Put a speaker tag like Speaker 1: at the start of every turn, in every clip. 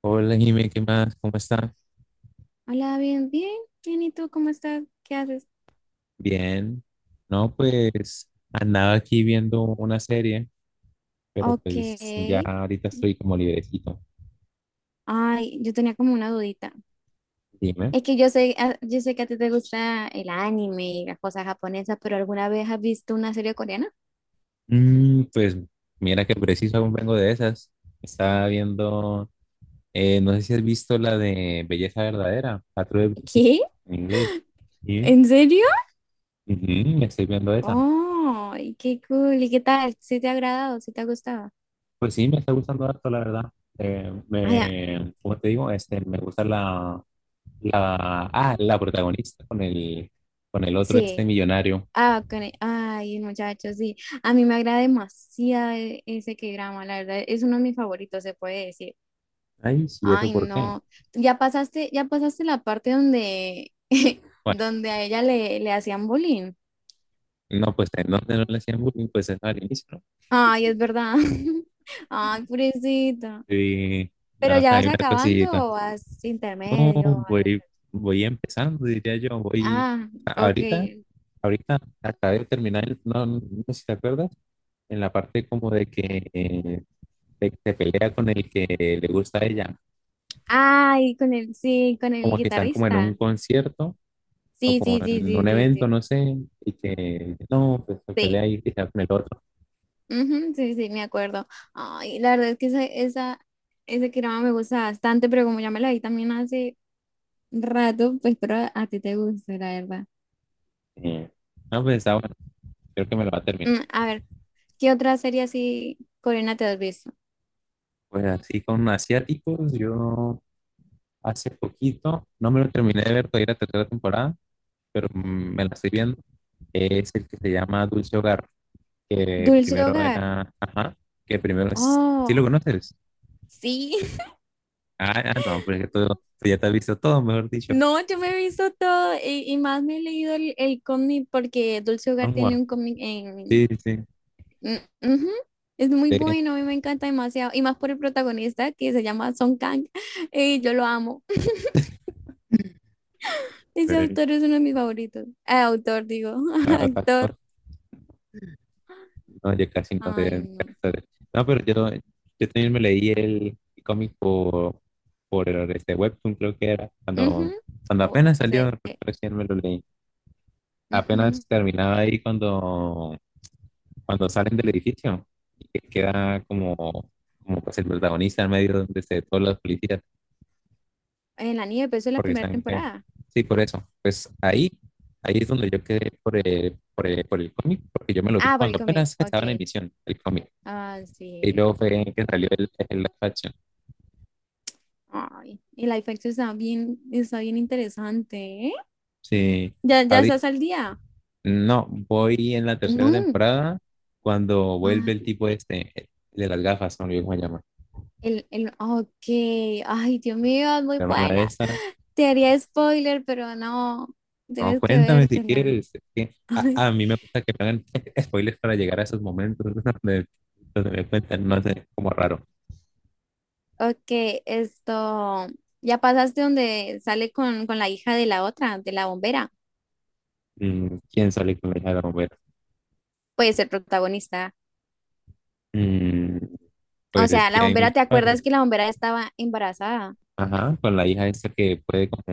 Speaker 1: Hola, Jimé, ¿qué más? ¿Cómo está?
Speaker 2: Hola, bien, bien, bien, ¿y tú cómo estás? ¿Qué haces?
Speaker 1: Bien. No, pues andaba aquí viendo una serie, pero
Speaker 2: Ok.
Speaker 1: pues ya ahorita estoy como librecito.
Speaker 2: Ay, yo tenía como una dudita.
Speaker 1: Dime.
Speaker 2: Es que yo sé, yo sé que a ti te gusta el anime y las cosas japonesas, pero ¿alguna vez has visto una serie coreana?
Speaker 1: Pues mira que preciso aún vengo de esas. Estaba viendo, no sé si has visto la de Belleza Verdadera, la True Beauty,
Speaker 2: ¿Qué?
Speaker 1: en inglés. Sí.
Speaker 2: ¿En serio?
Speaker 1: Ujú, me estoy viendo esa.
Speaker 2: Oh, qué cool. ¿Y qué tal? ¿Sí te ha agradado? ¿Sí te ha gustado?
Speaker 1: Pues sí, me está gustando harto, la verdad.
Speaker 2: Ay, ah,
Speaker 1: Como te digo, me gusta la protagonista con con el otro este
Speaker 2: sí.
Speaker 1: millonario.
Speaker 2: Ah, ay, muchachos, sí. A mí me agrada demasiado ese k drama, la verdad. Es uno de mis favoritos, se puede decir.
Speaker 1: Ay, sí, ¿eso
Speaker 2: Ay,
Speaker 1: por qué?
Speaker 2: no. Ya pasaste la parte donde,
Speaker 1: Bueno,
Speaker 2: donde a ella le hacían bullying.
Speaker 1: no, pues en donde no le hacían bullying, pues eso al inicio, ¿no?
Speaker 2: Ay, es verdad. Ay, pobrecita.
Speaker 1: Y
Speaker 2: ¿Pero
Speaker 1: no,
Speaker 2: ya
Speaker 1: hay
Speaker 2: vas
Speaker 1: una
Speaker 2: acabando
Speaker 1: cosita.
Speaker 2: o vas
Speaker 1: No,
Speaker 2: intermedio, o vas a-?
Speaker 1: voy, voy empezando, diría yo.
Speaker 2: Ah, ok.
Speaker 1: Ahorita, Ahorita acabé de terminar el- no, no sé si te acuerdas, en la parte como de que se pelea con el que le gusta a ella,
Speaker 2: Ay, con el, sí, con el
Speaker 1: como que están como en un
Speaker 2: guitarrista.
Speaker 1: concierto o
Speaker 2: Sí,
Speaker 1: como
Speaker 2: sí, sí,
Speaker 1: en
Speaker 2: sí,
Speaker 1: un
Speaker 2: sí,
Speaker 1: evento,
Speaker 2: sí.
Speaker 1: no sé, y que no, pues se
Speaker 2: Sí.
Speaker 1: pelea y que se con el otro.
Speaker 2: Ujú, sí, sí, me acuerdo. Ay, la verdad es que ese drama me gusta bastante, pero como ya me la vi también hace rato, pues espero a ti te guste, la verdad.
Speaker 1: Eh, no, pues está bueno, creo que me lo va a terminar.
Speaker 2: Mm, a ver, ¿qué otra serie así coreana te has visto?
Speaker 1: Pues así con asiáticos, yo hace poquito, no me lo terminé de ver todavía la tercera temporada, pero me la estoy viendo. Es el que se llama Dulce Hogar, que
Speaker 2: Dulce
Speaker 1: primero
Speaker 2: Hogar.
Speaker 1: era, ajá, que primero es, ¿sí lo
Speaker 2: Oh,
Speaker 1: conoces?
Speaker 2: sí.
Speaker 1: No, porque tú ya te has visto todo, mejor dicho.
Speaker 2: No, yo me he visto todo y, más me he leído el cómic porque Dulce Hogar
Speaker 1: Vamos,
Speaker 2: tiene un cómic
Speaker 1: sí,
Speaker 2: en...
Speaker 1: sí,
Speaker 2: Mm, ujú. Es muy
Speaker 1: sí.
Speaker 2: bueno, a mí me encanta demasiado. Y más por el protagonista, que se llama Song Kang. Y yo lo amo.
Speaker 1: A
Speaker 2: Ese
Speaker 1: ver,
Speaker 2: autor es uno de mis favoritos. Autor, digo. Actor.
Speaker 1: no, yo casi no sé de
Speaker 2: Ay, no.
Speaker 1: actores. No, pero yo también me leí el cómic por este webtoon, creo que era, cuando,
Speaker 2: Ujú.
Speaker 1: cuando
Speaker 2: Oh,
Speaker 1: apenas salió,
Speaker 2: sí.
Speaker 1: recién me lo leí. Apenas
Speaker 2: Ujú.
Speaker 1: terminaba ahí cuando, cuando salen del edificio, y que queda como, como pues el protagonista en medio de este- todos los policías,
Speaker 2: En la nieve, pero eso es la
Speaker 1: porque
Speaker 2: primera
Speaker 1: están...
Speaker 2: temporada.
Speaker 1: sí, por eso. Pues ahí, ahí es donde yo quedé por el cómic, porque yo me lo vi
Speaker 2: Ah, por el
Speaker 1: cuando
Speaker 2: cómic,
Speaker 1: apenas estaba en
Speaker 2: ok.
Speaker 1: emisión el cómic.
Speaker 2: Ah,
Speaker 1: Y
Speaker 2: sí.
Speaker 1: luego fue que salió el live action.
Speaker 2: Ay, el live action está bien interesante, ¿eh?
Speaker 1: Sí,
Speaker 2: ¿Ya, ya
Speaker 1: ahorita,
Speaker 2: estás al día?
Speaker 1: no, voy en la tercera
Speaker 2: No.
Speaker 1: temporada cuando
Speaker 2: Ay,
Speaker 1: vuelve el tipo este, el de las gafas, no lo olvidé cómo se llama,
Speaker 2: el, ok. Ay, Dios mío, es muy
Speaker 1: la hermana de
Speaker 2: buena.
Speaker 1: esta.
Speaker 2: Te haría spoiler, pero no.
Speaker 1: No,
Speaker 2: Tienes que
Speaker 1: cuéntame si
Speaker 2: vértela.
Speaker 1: quieres. Es que
Speaker 2: Ay,
Speaker 1: a mí me gusta que me hagan spoilers para llegar a esos momentos donde, donde me cuentan, no sé, como raro.
Speaker 2: ok, esto. Ya pasaste donde sale con la hija de la otra, de la bombera.
Speaker 1: ¿Quién sale con la hija de la bombera?
Speaker 2: Puede ser protagonista.
Speaker 1: Mm,
Speaker 2: O
Speaker 1: pues es
Speaker 2: sea, la
Speaker 1: que hay
Speaker 2: bombera, ¿te
Speaker 1: muchas partes.
Speaker 2: acuerdas que la bombera estaba embarazada?
Speaker 1: Ajá, con la hija esta que puede como...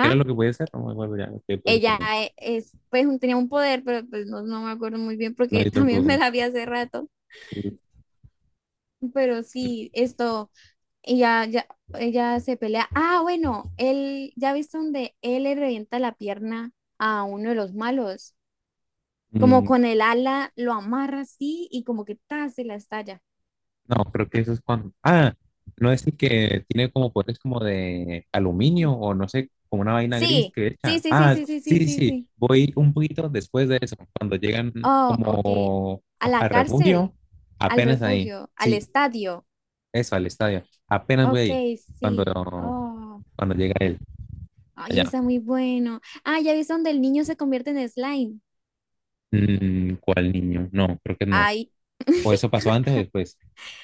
Speaker 1: ¿Qué era lo que puede ser? No me acuerdo ya, que puede
Speaker 2: ella
Speaker 1: ser.
Speaker 2: e- es, pues un- tenía un poder, pero pues no, no me acuerdo muy bien
Speaker 1: No,
Speaker 2: porque
Speaker 1: yo
Speaker 2: también me
Speaker 1: tampoco.
Speaker 2: la vi hace rato.
Speaker 1: Sí.
Speaker 2: Pero sí, esto, ella, ya, ella se pelea. Ah, bueno, él, ya viste donde él le revienta la pierna a uno de los malos. Como
Speaker 1: Mm,
Speaker 2: con el ala lo amarra así y como que ta, se la estalla.
Speaker 1: no, creo que eso es cuando. Ah, no es el que tiene como poderes como de aluminio o no sé, como una vaina gris
Speaker 2: Sí,
Speaker 1: que
Speaker 2: sí,
Speaker 1: echa.
Speaker 2: sí, sí,
Speaker 1: Ah,
Speaker 2: sí, sí,
Speaker 1: sí,
Speaker 2: sí,
Speaker 1: sí,
Speaker 2: sí,
Speaker 1: sí,
Speaker 2: sí.
Speaker 1: voy un poquito después de eso, cuando llegan
Speaker 2: Oh, ok.
Speaker 1: como
Speaker 2: A
Speaker 1: a-
Speaker 2: la
Speaker 1: al
Speaker 2: cárcel,
Speaker 1: refugio,
Speaker 2: al
Speaker 1: apenas ahí.
Speaker 2: refugio, al
Speaker 1: Sí,
Speaker 2: estadio.
Speaker 1: eso, al estadio. Apenas voy
Speaker 2: Ok,
Speaker 1: ahí, cuando,
Speaker 2: sí. Oh.
Speaker 1: cuando llega él,
Speaker 2: Ay,
Speaker 1: allá.
Speaker 2: está muy bueno. Ah, ya viste donde el niño se convierte en slime.
Speaker 1: ¿Cuál niño? No, creo que no.
Speaker 2: Ay,
Speaker 1: ¿O eso pasó antes o después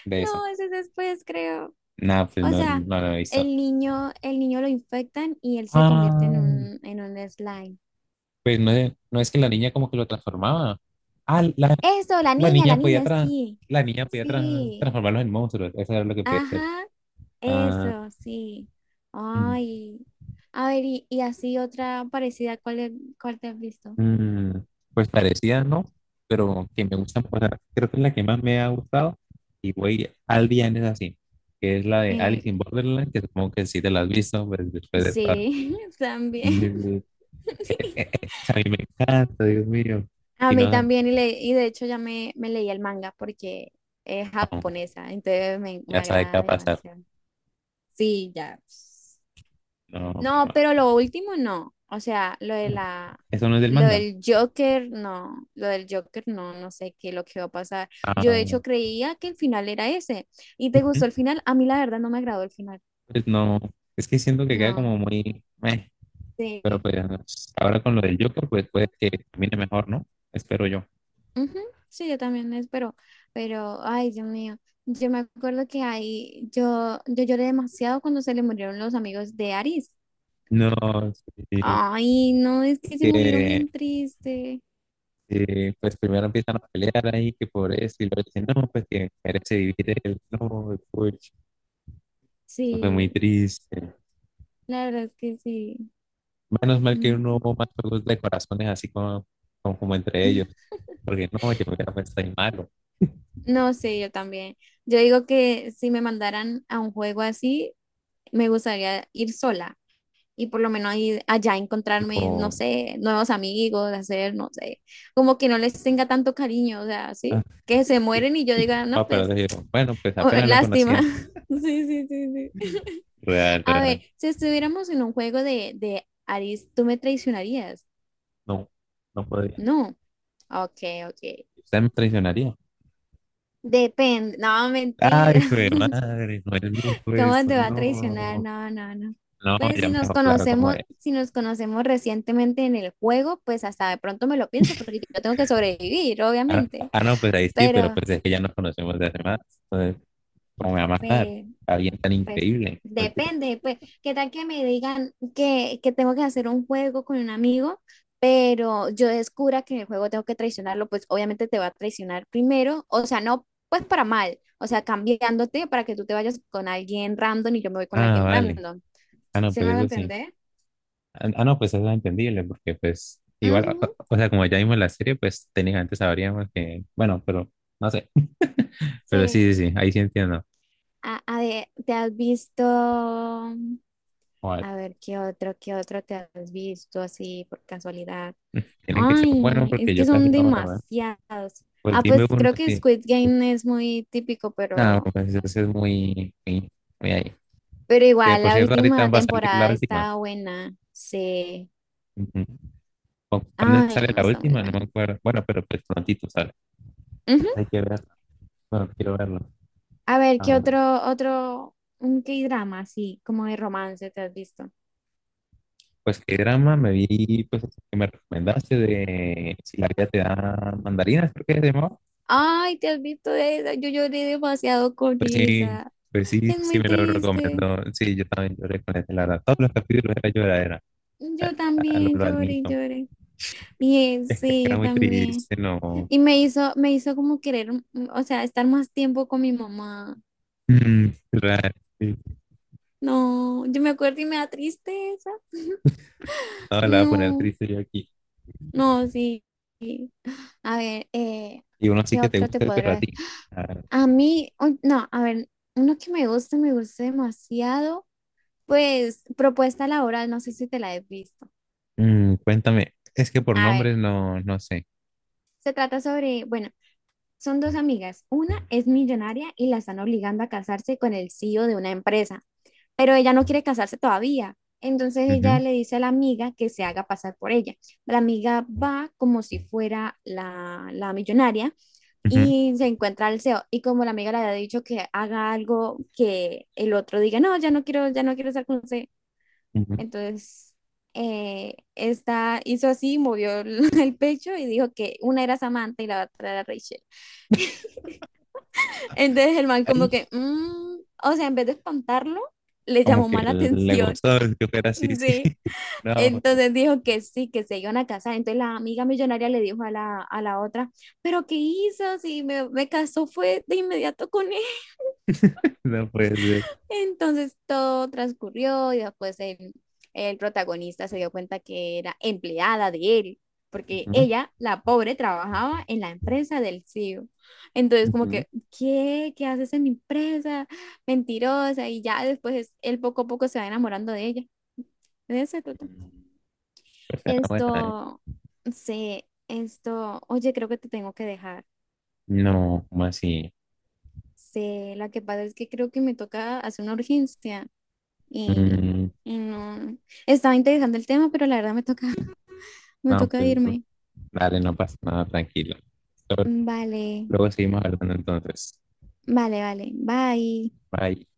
Speaker 1: de eso?
Speaker 2: no, ese es después, creo.
Speaker 1: Nada, pues
Speaker 2: O
Speaker 1: no,
Speaker 2: sea,
Speaker 1: no lo he visto.
Speaker 2: el niño lo infectan y él se convierte
Speaker 1: Ah.
Speaker 2: en un slime.
Speaker 1: Pues no es, no es que la niña como que lo transformaba. Ah, la,
Speaker 2: Eso,
Speaker 1: la
Speaker 2: la
Speaker 1: niña podía,
Speaker 2: niña,
Speaker 1: tra-
Speaker 2: sí.
Speaker 1: la niña podía tra-
Speaker 2: Sí.
Speaker 1: transformarlos en monstruos. Eso era lo que podía hacer.
Speaker 2: Ajá,
Speaker 1: Ah,
Speaker 2: eso, sí.
Speaker 1: mm,
Speaker 2: Ay. A ver, y así otra parecida, ¿cuál, cuál te has visto?
Speaker 1: mm, pues parecía, ¿no? Pero que me gustan, o sea, creo que es la que más me ha gustado. Y voy al bien es así, que es la de
Speaker 2: Eh,
Speaker 1: Alice in Borderland, que supongo que sí te la has visto, pues después de todas.
Speaker 2: sí, también.
Speaker 1: Y- a mí me encanta, Dios mío.
Speaker 2: A
Speaker 1: Y
Speaker 2: mí
Speaker 1: no,
Speaker 2: también, y, le, y de hecho ya me leí el manga porque es
Speaker 1: no,
Speaker 2: japonesa, entonces me
Speaker 1: ya sabe qué va a
Speaker 2: agrada
Speaker 1: pasar.
Speaker 2: demasiado. Sí, ya, pues.
Speaker 1: No, pero,
Speaker 2: No, pero lo último no. O sea, lo de la,
Speaker 1: eso no es del
Speaker 2: lo
Speaker 1: manga.
Speaker 2: del Joker, no. Lo del Joker, no, no sé qué es lo que va a pasar. Yo de
Speaker 1: Ah,
Speaker 2: hecho creía que el final era ese. ¿Y te
Speaker 1: ujú.
Speaker 2: gustó el final? A mí la verdad no me agradó el final.
Speaker 1: Pues no, es que siento que queda
Speaker 2: No.
Speaker 1: como muy, meh, pero
Speaker 2: Sí.
Speaker 1: pues ahora con lo del Joker, pues puede que termine mejor, ¿no? Espero yo.
Speaker 2: Ujú. Sí, yo también espero, pero ay, Dios mío, yo me acuerdo que ahí yo, yo lloré demasiado cuando se le murieron los amigos de Aris.
Speaker 1: No, sí,
Speaker 2: Ay, no, es que se murieron
Speaker 1: que
Speaker 2: bien triste.
Speaker 1: pues primero empiezan a pelear ahí, que por eso, y luego dicen, no, pues que merece vivir él, no, puch, eso fue muy
Speaker 2: Sí,
Speaker 1: triste.
Speaker 2: la verdad es que sí.
Speaker 1: Menos mal que
Speaker 2: No.
Speaker 1: no hubo más juegos de corazones así como, como entre ellos, porque no, yo hubiera pensado ahí malo,
Speaker 2: No, sé yo también. Yo digo que si me mandaran a un juego así, me gustaría ir sola, y por lo menos ahí, allá encontrarme,
Speaker 1: tipo,
Speaker 2: no sé, nuevos amigos, hacer, no sé, como que no les tenga tanto cariño, o sea, sí,
Speaker 1: ah,
Speaker 2: que se
Speaker 1: sí,
Speaker 2: mueren y yo diga, no,
Speaker 1: ah, pero te
Speaker 2: pues,
Speaker 1: digo, bueno, pues
Speaker 2: oh,
Speaker 1: apenas lo
Speaker 2: lástima.
Speaker 1: conocía.
Speaker 2: Sí, sí, sí, sí.
Speaker 1: Real,
Speaker 2: A ver,
Speaker 1: real.
Speaker 2: si estuviéramos en un juego de Aris, ¿tú me traicionarías?
Speaker 1: No, no podría.
Speaker 2: No. Ok, ok.
Speaker 1: Usted me traicionaría.
Speaker 2: Depende. No,
Speaker 1: Ay,
Speaker 2: mentira.
Speaker 1: hijo de madre, no es mucho
Speaker 2: ¿Cómo
Speaker 1: eso,
Speaker 2: te va a traicionar?
Speaker 1: no.
Speaker 2: No, no, no.
Speaker 1: No,
Speaker 2: Pues
Speaker 1: ya
Speaker 2: si
Speaker 1: me
Speaker 2: nos
Speaker 1: dejó claro cómo
Speaker 2: conocemos,
Speaker 1: es.
Speaker 2: si nos conocemos recientemente en el juego, pues hasta de pronto me lo pienso, porque yo tengo que sobrevivir,
Speaker 1: Ah,
Speaker 2: obviamente.
Speaker 1: no, pues ahí sí, pero
Speaker 2: Pero,
Speaker 1: pues es que ya nos conocemos de hace más. Entonces, ¿cómo me va a matar?
Speaker 2: eh,
Speaker 1: Alguien tan
Speaker 2: pues,
Speaker 1: increíble. Mentira.
Speaker 2: depende, pues, ¿qué tal que me digan que tengo que hacer un juego con un amigo, pero yo descubra que en el juego tengo que traicionarlo? Pues obviamente te va a traicionar primero, o sea, no, pues para mal, o sea, cambiándote para que tú te vayas con alguien random y yo me voy con
Speaker 1: Ah,
Speaker 2: alguien
Speaker 1: vale.
Speaker 2: random.
Speaker 1: No,
Speaker 2: ¿Sí
Speaker 1: pues
Speaker 2: me va a
Speaker 1: eso sí.
Speaker 2: entender?
Speaker 1: No, pues eso es entendible, porque pues igual,
Speaker 2: Ujú.
Speaker 1: o sea, como ya vimos la serie, pues técnicamente sabríamos que, bueno, pero no sé. Pero sí,
Speaker 2: Sí.
Speaker 1: sí, sí, ahí sí entiendo.
Speaker 2: A ver, ¿te has visto? A
Speaker 1: Joder,
Speaker 2: ver, qué otro te has visto así por casualidad?
Speaker 1: tienen que ser buenos
Speaker 2: Ay, es
Speaker 1: porque
Speaker 2: que
Speaker 1: yo casi
Speaker 2: son
Speaker 1: no veo.
Speaker 2: demasiados.
Speaker 1: Pues
Speaker 2: Ah,
Speaker 1: dime
Speaker 2: pues
Speaker 1: uno,
Speaker 2: creo que
Speaker 1: sí.
Speaker 2: Squid Game es muy típico,
Speaker 1: No, pues ese es muy, muy, muy ahí.
Speaker 2: pero
Speaker 1: Que
Speaker 2: igual,
Speaker 1: por
Speaker 2: la
Speaker 1: cierto, ahorita
Speaker 2: última
Speaker 1: va a salir la
Speaker 2: temporada
Speaker 1: última.
Speaker 2: está buena. Sí.
Speaker 1: Ujú. ¿Cu- ¿Cuándo es que
Speaker 2: Ay,
Speaker 1: sale
Speaker 2: no,
Speaker 1: la
Speaker 2: está muy
Speaker 1: última? No me
Speaker 2: buena.
Speaker 1: acuerdo. Bueno, pero pues prontito sale.
Speaker 2: Ujú.
Speaker 1: Hay que verlo. Bueno, quiero verlo.
Speaker 2: A ver,
Speaker 1: A
Speaker 2: ¿qué
Speaker 1: ver.
Speaker 2: otro, otro, un K-drama así, como de romance te has visto?
Speaker 1: Pues qué drama me vi, pues ese que me recomendaste de si la vida te da mandarinas, creo que se llamaba.
Speaker 2: Ay, te has visto esa, yo lloré demasiado con
Speaker 1: Pues sí,
Speaker 2: esa.
Speaker 1: pues sí,
Speaker 2: Es
Speaker 1: sí
Speaker 2: muy
Speaker 1: me lo
Speaker 2: triste.
Speaker 1: recomendó. Sí, yo también lloré con ese, la verdad. Todos los capítulos era lloradera. Ah,
Speaker 2: Yo también
Speaker 1: lo
Speaker 2: lloré y
Speaker 1: admito.
Speaker 2: lloré. Y él, sí,
Speaker 1: Era
Speaker 2: yo
Speaker 1: muy
Speaker 2: también.
Speaker 1: triste, no.
Speaker 2: Y me hizo como querer, mm, mm, o sea, estar más tiempo con mi mamá.
Speaker 1: Claro, sí.
Speaker 2: No, yo me acuerdo y me da tristeza.
Speaker 1: No, la voy a poner
Speaker 2: No,
Speaker 1: triste yo aquí.
Speaker 2: no, sí. A ver,
Speaker 1: Y uno sí
Speaker 2: ¿qué
Speaker 1: que te
Speaker 2: otro te
Speaker 1: gusta el
Speaker 2: podré ver?
Speaker 1: perratico. Ah,
Speaker 2: A mí, un- no, a ver, uno que me gusta demasiado, pues propuesta laboral, no sé si te la he visto.
Speaker 1: Cuéntame, es que por
Speaker 2: A ver,
Speaker 1: nombres no, no sé.
Speaker 2: se trata sobre, bueno, son dos amigas. Una es millonaria y la están obligando a casarse con el CEO de una empresa, pero ella no quiere casarse todavía. Entonces ella
Speaker 1: Ujú,
Speaker 2: le dice a la amiga que se haga pasar por ella. La amiga va como si fuera la, la millonaria y se encuentra al CEO. Y como la amiga le había dicho que haga algo que el otro diga, no, ya no quiero estar con usted.
Speaker 1: ujú, ujú.
Speaker 2: Entonces esta hizo así, movió el pecho y dijo que una era Samantha y la otra era Rachel. Entonces el man como
Speaker 1: Ay,
Speaker 2: que, "Mm", o sea, en vez de espantarlo, le
Speaker 1: como
Speaker 2: llamó
Speaker 1: que
Speaker 2: mala
Speaker 1: le
Speaker 2: atención.
Speaker 1: gustó que fuera así, sí.
Speaker 2: Sí.
Speaker 1: No,
Speaker 2: Entonces dijo que sí, que se iban a casar. Entonces la amiga millonaria le dijo a la otra, pero ¿qué hizo? Si me, me casó fue de inmediato con.
Speaker 1: no puede ser.
Speaker 2: Entonces todo transcurrió y después el protagonista se dio cuenta que era empleada de él, porque
Speaker 1: Ujú,
Speaker 2: ella, la pobre, trabajaba en la empresa del CEO. Entonces como
Speaker 1: ujú.
Speaker 2: que, ¿qué? ¿Qué haces en mi empresa? Mentirosa. Y ya después él poco a poco se va enamorando de ella. De eso se trata.
Speaker 1: Mm, Pues era buena, ¿eh?
Speaker 2: Esto, se, esto, oye, creo que te tengo que dejar.
Speaker 1: No, ¿como así?
Speaker 2: Sí, la que pasa es que creo que me toca hacer una urgencia. Y,
Speaker 1: Mm,
Speaker 2: y no, estaba interesante el tema, pero la verdad me toca, me
Speaker 1: no,
Speaker 2: toca
Speaker 1: pues
Speaker 2: irme.
Speaker 1: dale, no pasa nada, tranquilo. Luego,
Speaker 2: Vale,
Speaker 1: luego seguimos hablando entonces.
Speaker 2: vale, vale. Bye.
Speaker 1: Bye.